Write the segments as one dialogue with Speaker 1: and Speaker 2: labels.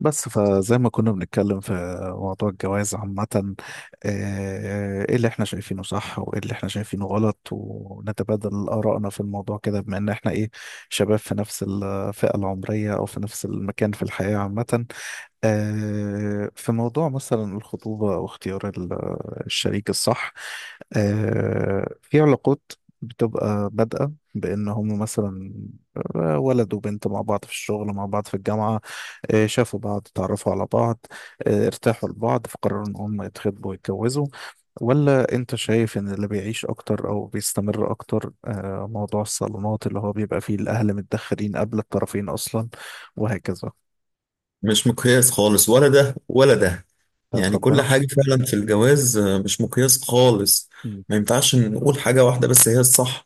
Speaker 1: بس فزي ما كنا بنتكلم في موضوع الجواز عامة. ايه اللي احنا شايفينه صح وايه اللي احنا شايفينه غلط، ونتبادل آرائنا في الموضوع كده، بما ان احنا ايه، شباب في نفس الفئة العمرية او في نفس المكان في الحياة عامة. في موضوع مثلا الخطوبة واختيار الشريك الصح. في علاقات بتبقى بادئة بإن هم مثلا ولد وبنت مع بعض في الشغل، مع بعض في الجامعة، شافوا بعض، اتعرفوا على بعض، ارتاحوا لبعض، فقرروا إن هم يتخطبوا ويتجوزوا. ولا أنت شايف إن اللي بيعيش أكتر أو بيستمر أكتر موضوع الصالونات، اللي هو بيبقى فيه الأهل متدخلين قبل الطرفين أصلا وهكذا؟
Speaker 2: مش مقياس خالص، ولا ده ولا ده.
Speaker 1: بتاعت
Speaker 2: يعني كل
Speaker 1: ربنا.
Speaker 2: حاجة فعلا في الجواز مش مقياس خالص. ما ينفعش نقول حاجة واحدة بس هي الصح،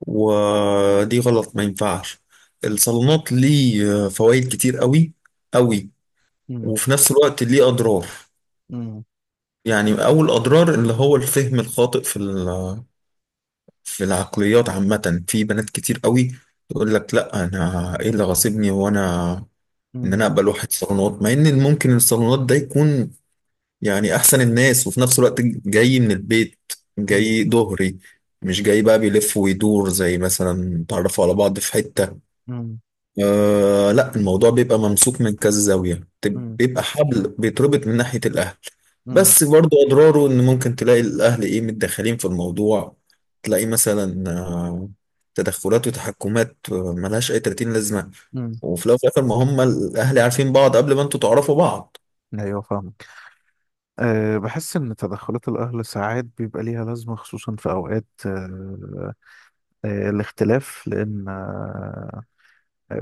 Speaker 2: ودي غلط ما ينفعش. الصالونات ليه فوائد كتير قوي قوي،
Speaker 1: مم.
Speaker 2: وفي نفس الوقت ليه أضرار.
Speaker 1: مم.
Speaker 2: يعني أول أضرار اللي هو الفهم الخاطئ في العقليات عامة. في بنات كتير قوي تقول لك لا، أنا إيه اللي غاصبني، وأنا إن
Speaker 1: مم.
Speaker 2: أنا أقبل واحد صالونات، مع إن ممكن الصالونات ده يكون يعني احسن الناس، وفي نفس الوقت جاي من البيت،
Speaker 1: مم.
Speaker 2: جاي
Speaker 1: مم.
Speaker 2: ظهري، مش جاي بقى بيلف ويدور زي مثلا تعرفوا على بعض في حتة.
Speaker 1: مم.
Speaker 2: لا، الموضوع بيبقى ممسوك من كذا زاوية،
Speaker 1: مم.
Speaker 2: بيبقى حبل بيتربط من ناحية الاهل.
Speaker 1: مم.
Speaker 2: بس برضو اضراره ان ممكن تلاقي الاهل ايه متدخلين في الموضوع. تلاقي مثلا تدخلات وتحكمات، ملهاش اي 30 لازمة.
Speaker 1: مم.
Speaker 2: وفي الاول وفي الاخر ما هم الاهل عارفين بعض قبل ما انتوا تعرفوا بعض.
Speaker 1: ايوه، فاهمك. أه، بحس ان تدخلات الاهل ساعات بيبقى ليها لازمه، خصوصا في اوقات أه الاختلاف، لان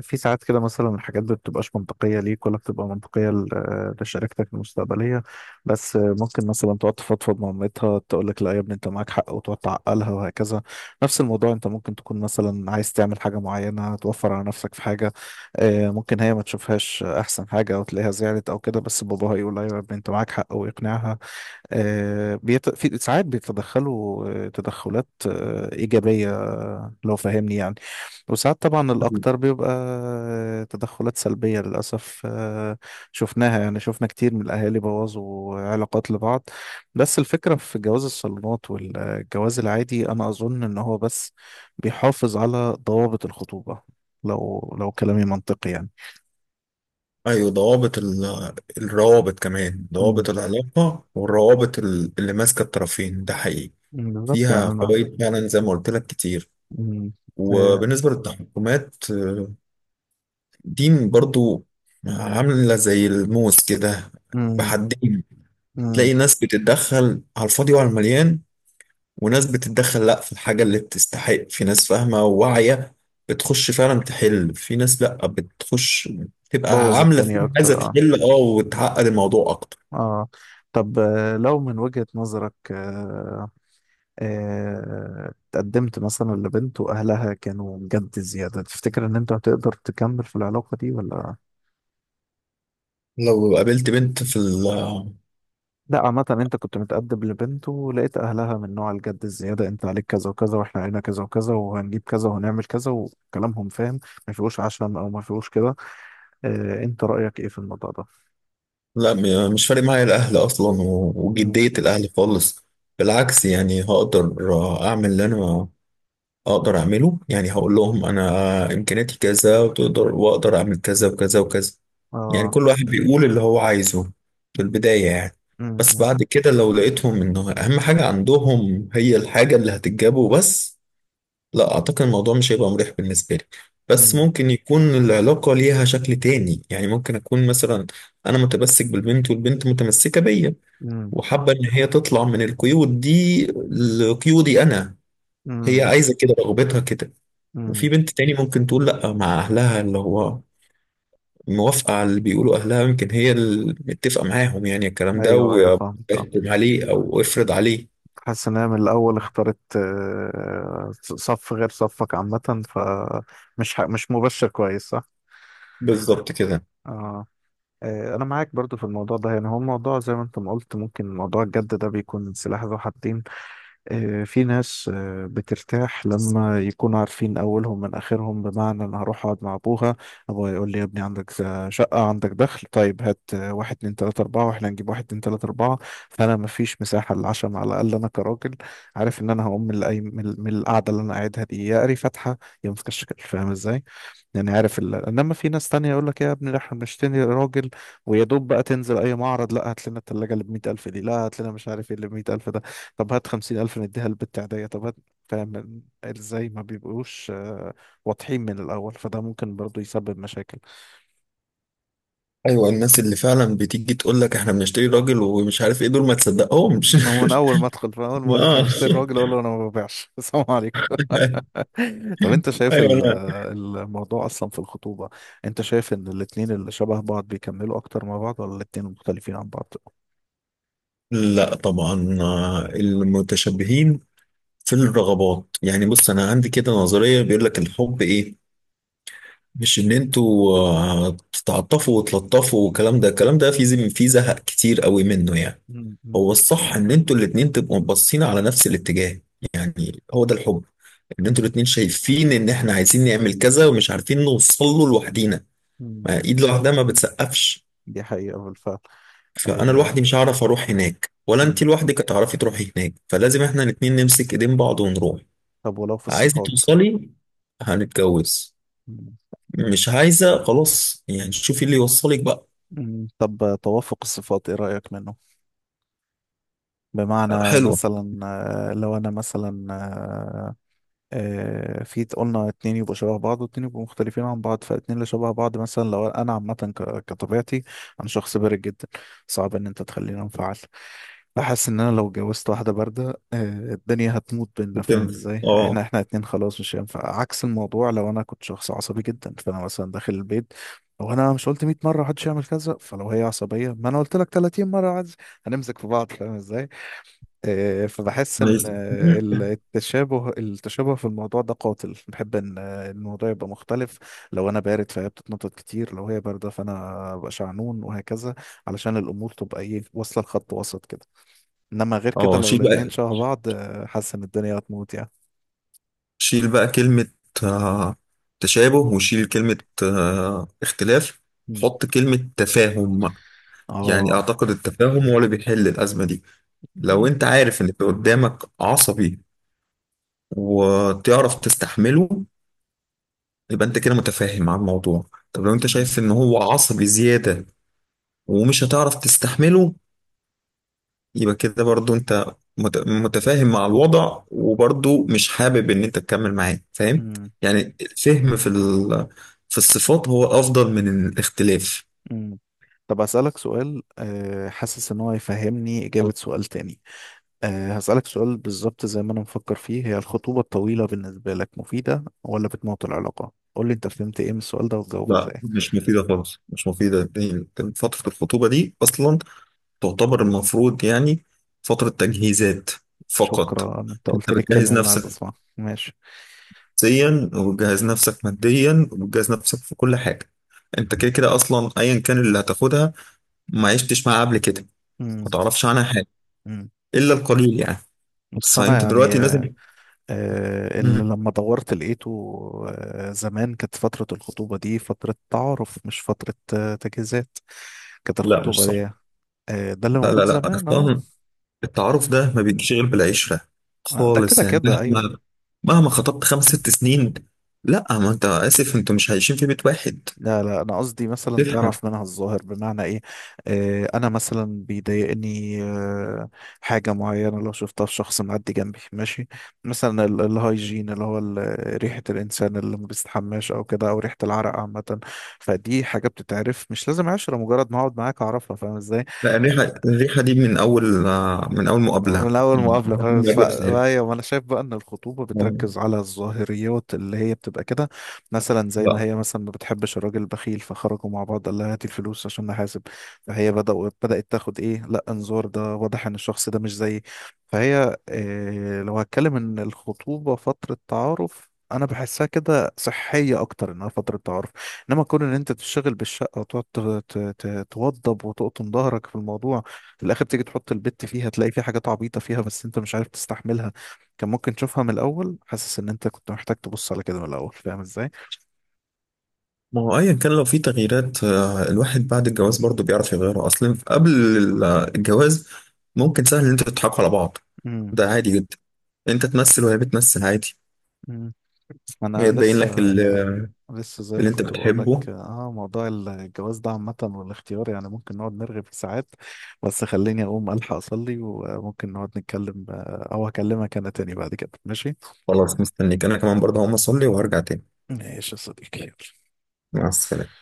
Speaker 1: في ساعات كده مثلا الحاجات ما بتبقاش منطقية ليك، ولا بتبقى منطقية لشركتك المستقبلية، بس ممكن مثلا تقعد تفضفض مع مامتها، تقول لك لا يا ابني انت معاك حق، وتقعد تعقلها وهكذا. نفس الموضوع، انت ممكن تكون مثلا عايز تعمل حاجة معينة، توفر على نفسك في حاجة، ممكن هي ما تشوفهاش احسن حاجة او تلاقيها زعلت او كده، بس باباها يقول ايوه يا ابني انت معاك حق ويقنعها. في ساعات بيتدخلوا تدخلات إيجابية، لو فاهمني يعني. وساعات طبعا الأكتر بيبقى تدخلات سلبية للأسف. شفناها يعني، شفنا كتير من الأهالي بوظوا علاقات لبعض. بس الفكرة في جواز الصالونات والجواز العادي، أنا أظن إن هو بس بيحافظ على ضوابط الخطوبة. لو كلامي منطقي يعني.
Speaker 2: ايوه، ضوابط الروابط، كمان
Speaker 1: مم.
Speaker 2: ضوابط العلاقه والروابط اللي ماسكه الطرفين ده حقيقي.
Speaker 1: مم، بالظبط يعني.
Speaker 2: فيها
Speaker 1: أنا
Speaker 2: فوائد فعلا زي ما قلت لك كتير.
Speaker 1: مم. آه،
Speaker 2: وبالنسبه للتحكمات دي برضو عامله زي الموس كده،
Speaker 1: مم.
Speaker 2: بحدين.
Speaker 1: مم.
Speaker 2: تلاقي ناس بتتدخل على الفاضي وعلى المليان، وناس بتتدخل لا في الحاجه اللي بتستحق، في ناس فاهمه وواعيه بتخش فعلا تحل، في ناس لا بتخش تبقى
Speaker 1: بوظ
Speaker 2: عامله
Speaker 1: الدنيا
Speaker 2: فيها عايزه
Speaker 1: اكتر، اه.
Speaker 2: تحل وتعقد الموضوع اكتر.
Speaker 1: اه. طب لو من وجهة نظرك آه آه، اتقدمت مثلا لبنت واهلها كانوا جد زيادة، تفتكر ان انت هتقدر تكمل في العلاقة دي ولا؟
Speaker 2: لو قابلت بنت في ال،
Speaker 1: لا، عامة، انت كنت متقدم لبنت ولقيت اهلها من نوع الجد الزيادة، انت عليك كذا وكذا واحنا علينا كذا وكذا وهنجيب كذا وهنعمل كذا، وكلامهم فاهم، ما فيهوش عشم او ما فيهوش كده. انت رأيك ايه في الموضوع ده؟
Speaker 2: لا، مش فارق معايا الأهل أصلا
Speaker 1: مم.
Speaker 2: وجدية الأهل خالص. بالعكس يعني هقدر أعمل اللي أنا أقدر أعمله، يعني هقول لهم أنا إمكانياتي كذا، وتقدر وأقدر أعمل كذا وكذا وكذا. يعني
Speaker 1: اه.
Speaker 2: كل واحد بيقول اللي هو عايزه في البداية يعني.
Speaker 1: مم.
Speaker 2: بس
Speaker 1: مم.
Speaker 2: بعد كده لو لقيتهم إنه أهم حاجة عندهم هي الحاجة اللي هتجابه بس، لا اعتقد الموضوع مش هيبقى مريح بالنسبه لي. بس ممكن يكون العلاقه ليها شكل تاني، يعني ممكن اكون مثلا انا متمسك بالبنت والبنت متمسكه بيا،
Speaker 1: مم.
Speaker 2: وحابه ان هي تطلع من القيود دي لقيودي انا، هي
Speaker 1: مم.
Speaker 2: عايزه كده، رغبتها كده.
Speaker 1: مم.
Speaker 2: وفي بنت تاني ممكن تقول لا، مع اهلها اللي هو موافقه على اللي بيقولوا اهلها، يمكن هي اللي متفقه معاهم يعني الكلام ده،
Speaker 1: ايوه، ايوه
Speaker 2: ويحكم
Speaker 1: فاهمك. اه،
Speaker 2: عليه او افرض عليه.
Speaker 1: حاسس ان هي من الاول اختارت صف غير صفك عامه، فمش مش مبشر كويس، صح؟
Speaker 2: بالظبط كده.
Speaker 1: اه. انا معاك برضو في الموضوع ده، يعني هو الموضوع زي ما انت ما قلت، ممكن موضوع الجد ده بيكون سلاح ذو حدين. في ناس بترتاح لما يكونوا عارفين أولهم من آخرهم، بمعنى أنا هروح أقعد مع أبوها، أبوها يقول لي يا ابني، عندك شقة عندك دخل طيب، هات واحد اتنين تلاتة أربعة، وإحنا هنجيب واحد اتنين تلاتة أربعة. فأنا مفيش مساحة للعشم، على الأقل أنا كراجل عارف إن أنا هقوم من من القعدة اللي أنا قاعدها دي، يا قاري فاتحة يا ماسكة الشكل. فاهم إزاي؟ يعني عارف انما في ناس تانية يقول لك ايه يا ابني، ده احنا بنشتري راجل، ويا دوب بقى تنزل اي معرض، لا هات لنا التلاجة اللي ب 100,000 دي، لا هات لنا مش عارف ايه اللي ب 100,000 ده، طب هات 50,000 نديها للبت عادية، طب هات. فاهم ازاي ما بيبقوش واضحين من الاول، فده ممكن برضو يسبب مشاكل.
Speaker 2: ايوه، الناس اللي فعلا بتيجي تقول لك احنا بنشتري راجل ومش عارف ايه دول، ما تصدقهمش.
Speaker 1: إنه من اول ما ادخل، فاهم، اول ما اقول احنا
Speaker 2: اه.
Speaker 1: بنشتري راجل، اقول له انا ما ببيعش. السلام عليكم. طب انت شايف
Speaker 2: ايوه. لا،
Speaker 1: الموضوع اصلا في الخطوبة، انت شايف ان الاتنين اللي شبه بعض بيكملوا اكتر مع بعض، ولا الاتنين مختلفين عن بعض؟
Speaker 2: لا طبعا، المتشابهين في الرغبات. يعني بص، انا عندي كده نظريه، بيقول لك الحب ايه؟ مش ان انتوا تتعاطفوا وتلطفوا والكلام ده، الكلام ده في زهق كتير قوي منه يعني.
Speaker 1: مم، مم،
Speaker 2: هو الصح ان انتوا الاتنين تبقوا باصين على نفس الاتجاه، يعني هو ده الحب. ان انتوا
Speaker 1: مم،
Speaker 2: الاتنين شايفين ان احنا عايزين نعمل كذا ومش عارفين نوصل له لوحدينا.
Speaker 1: مم.
Speaker 2: ما ايد لوحدها ما بتسقفش.
Speaker 1: دي حقيقة بالفعل.
Speaker 2: فانا
Speaker 1: آه.
Speaker 2: لوحدي مش هعرف اروح هناك، ولا انت
Speaker 1: مم.
Speaker 2: لوحدك هتعرفي تروحي هناك، فلازم احنا الاتنين نمسك ايدين بعض ونروح.
Speaker 1: طب ولو في
Speaker 2: عايزه
Speaker 1: الصفات،
Speaker 2: توصلي؟ هنتجوز.
Speaker 1: مم.
Speaker 2: مش عايزه؟ خلاص يعني، شوفي اللي يوصلك بقى.
Speaker 1: مم. طب توافق الصفات ايه رأيك منه؟ بمعنى
Speaker 2: حلوه
Speaker 1: مثلا لو انا مثلا في قلنا اتنين يبقوا شبه بعض واتنين يبقوا مختلفين عن بعض، فاتنين اللي شبه بعض مثلا لو انا عامة كطبيعتي، انا شخص بارد جدا، صعب ان انت تخليني انفعل. بحس ان انا لو اتجوزت واحده بارده الدنيا هتموت بينا. فاهم
Speaker 2: بتنفع.
Speaker 1: ازاي؟ احنا
Speaker 2: اه.
Speaker 1: احنا اتنين خلاص، مش هينفع. عكس الموضوع، لو انا كنت شخص عصبي جدا، فانا مثلا داخل البيت لو انا مش قلت 100 مره محدش يعمل كذا، فلو هي عصبيه، ما انا قلت لك 30 مره، عز هنمسك في بعض. فاهم ازاي؟ فبحس ان
Speaker 2: عايز.
Speaker 1: التشابه، في الموضوع ده قاتل. بحب ان الموضوع يبقى مختلف، لو انا بارد فهي بتتنطط كتير، لو هي بارده فانا ابقى شعنون وهكذا، علشان الامور تبقى ايه، واصله لخط وسط كده. انما غير كده
Speaker 2: اه،
Speaker 1: لو
Speaker 2: شيل
Speaker 1: الاتنين
Speaker 2: بقى
Speaker 1: شبه بعض، حاسس ان الدنيا هتموت يعني.
Speaker 2: شيل بقى كلمة آه، تشابه، وشيل كلمة اختلاف،
Speaker 1: مم.
Speaker 2: وحط كلمة تفاهم بقى. يعني
Speaker 1: اه.
Speaker 2: أعتقد التفاهم هو اللي بيحل الأزمة دي. لو
Speaker 1: مم.
Speaker 2: أنت عارف إن اللي قدامك عصبي وتعرف تستحمله، يبقى أنت كده متفاهم مع الموضوع. طب لو أنت
Speaker 1: مم.
Speaker 2: شايف إن هو عصبي زيادة ومش هتعرف تستحمله، يبقى كده برضو انت متفاهم مع الوضع، وبرضو مش حابب ان انت تكمل معاه، فاهم؟
Speaker 1: مم.
Speaker 2: يعني الفهم في الصفات هو افضل من الاختلاف.
Speaker 1: مم. طب هسألك سؤال، حاسس ان هو يفهمني إجابة سؤال تاني. هسألك سؤال بالظبط زي ما انا مفكر فيه، هي الخطوبة الطويلة بالنسبة لك مفيدة، ولا بتموت العلاقة؟ قول لي انت فهمت ايه من السؤال ده وتجاوبه
Speaker 2: لا
Speaker 1: ازاي.
Speaker 2: مش مفيدة خالص، مش مفيدة فترة الخطوبة دي أصلا تعتبر المفروض يعني فترة تجهيزات فقط.
Speaker 1: شكرا، انت
Speaker 2: أنت
Speaker 1: قلت لي الكلمة
Speaker 2: بتجهز
Speaker 1: اللي انا عايز
Speaker 2: نفسك
Speaker 1: اسمعها. ماشي.
Speaker 2: نفسيا، وبتجهز نفسك ماديا، وبتجهز نفسك في كل حاجة. أنت كده كده أصلا أيا كان اللي هتاخدها، ما عشتش معاه قبل كده،
Speaker 1: مم.
Speaker 2: ما تعرفش عنها حاجة
Speaker 1: مم.
Speaker 2: إلا القليل يعني.
Speaker 1: بس انا
Speaker 2: فأنت
Speaker 1: يعني
Speaker 2: دلوقتي لازم.
Speaker 1: اللي
Speaker 2: مم.
Speaker 1: لما دورت لقيته، زمان كانت فترة الخطوبة دي فترة تعارف، مش فترة تجهيزات، كانت
Speaker 2: لا مش
Speaker 1: الخطوبة
Speaker 2: صح.
Speaker 1: دي ده اللي
Speaker 2: لا لا
Speaker 1: موجود
Speaker 2: لا،
Speaker 1: زمان، اه.
Speaker 2: أصلاً التعارف ده ما بيجيش غير بالعشرة
Speaker 1: ده
Speaker 2: خالص
Speaker 1: كده
Speaker 2: يعني.
Speaker 1: كده، ايوه.
Speaker 2: مهما مهما خطبت خمس ست سنين، لا، ما أنت آسف، أنتوا مش عايشين في بيت واحد.
Speaker 1: لا لا، انا قصدي مثلا
Speaker 2: تفهم.
Speaker 1: تعرف منها الظاهر. بمعنى ايه؟ آه انا مثلا بيضايقني آه، حاجه معينه لو شفتها في شخص معدي جنبي، ماشي؟ مثلا الهايجين، اللي هو ريحه الانسان اللي ما بيستحماش او كده، او ريحه العرق عامه. فدي حاجه بتتعرف، مش لازم عشره، مجرد ما اقعد معاك اعرفها. فاهم ازاي؟
Speaker 2: لا، الريحة دي من أول مقابلة
Speaker 1: من اول
Speaker 2: مم.
Speaker 1: مقابله خالص.
Speaker 2: المقابلة بتاعتك.
Speaker 1: ايوه، ما انا شايف بقى ان الخطوبه بتركز على الظاهريات، اللي هي بتبقى كده. مثلا زي ما
Speaker 2: لا،
Speaker 1: هي مثلا ما بتحبش الراجل البخيل، فخرجوا مع بعض قال لها هاتي الفلوس عشان نحاسب، فهي بدأت تاخد ايه، لا انظار ده، واضح ان الشخص ده مش زيي. فهي إيه، لو هتكلم ان الخطوبه فتره تعارف، انا بحسها كده صحيه اكتر، انها فتره تعارف. انما كون ان انت تشتغل بالشقه، وتقعد توضب وتقطن ظهرك في الموضوع، في الاخر تيجي تحط البت فيها تلاقي في حاجات عبيطه فيها بس انت مش عارف تستحملها، كان ممكن تشوفها من الاول. حاسس ان انت كنت محتاج تبص على كده من الاول. فاهم ازاي؟
Speaker 2: ما هو ايا كان لو في تغييرات، الواحد بعد الجواز برضه بيعرف يغيرها، اصلا قبل الجواز. ممكن سهل ان انتوا تضحكوا على بعض،
Speaker 1: امم
Speaker 2: ده عادي جدا، انت تمثل وهي بتمثل عادي.
Speaker 1: أمم.
Speaker 2: هي
Speaker 1: انا
Speaker 2: تبين
Speaker 1: لسه
Speaker 2: لك
Speaker 1: لسه زي ما
Speaker 2: اللي انت
Speaker 1: كنت بقول لك،
Speaker 2: بتحبه.
Speaker 1: اه موضوع الجواز ده عامه والاختيار، يعني ممكن نقعد نرغي فيه ساعات. بس خليني اقوم الحق اصلي، وممكن نقعد نتكلم او اكلمك انا تاني بعد كده، ماشي؟
Speaker 2: خلاص، مستنيك، انا كمان برضه هقوم اصلي وهرجع تاني.
Speaker 1: ماشي يا صديقي، يلا.
Speaker 2: مع السلامة.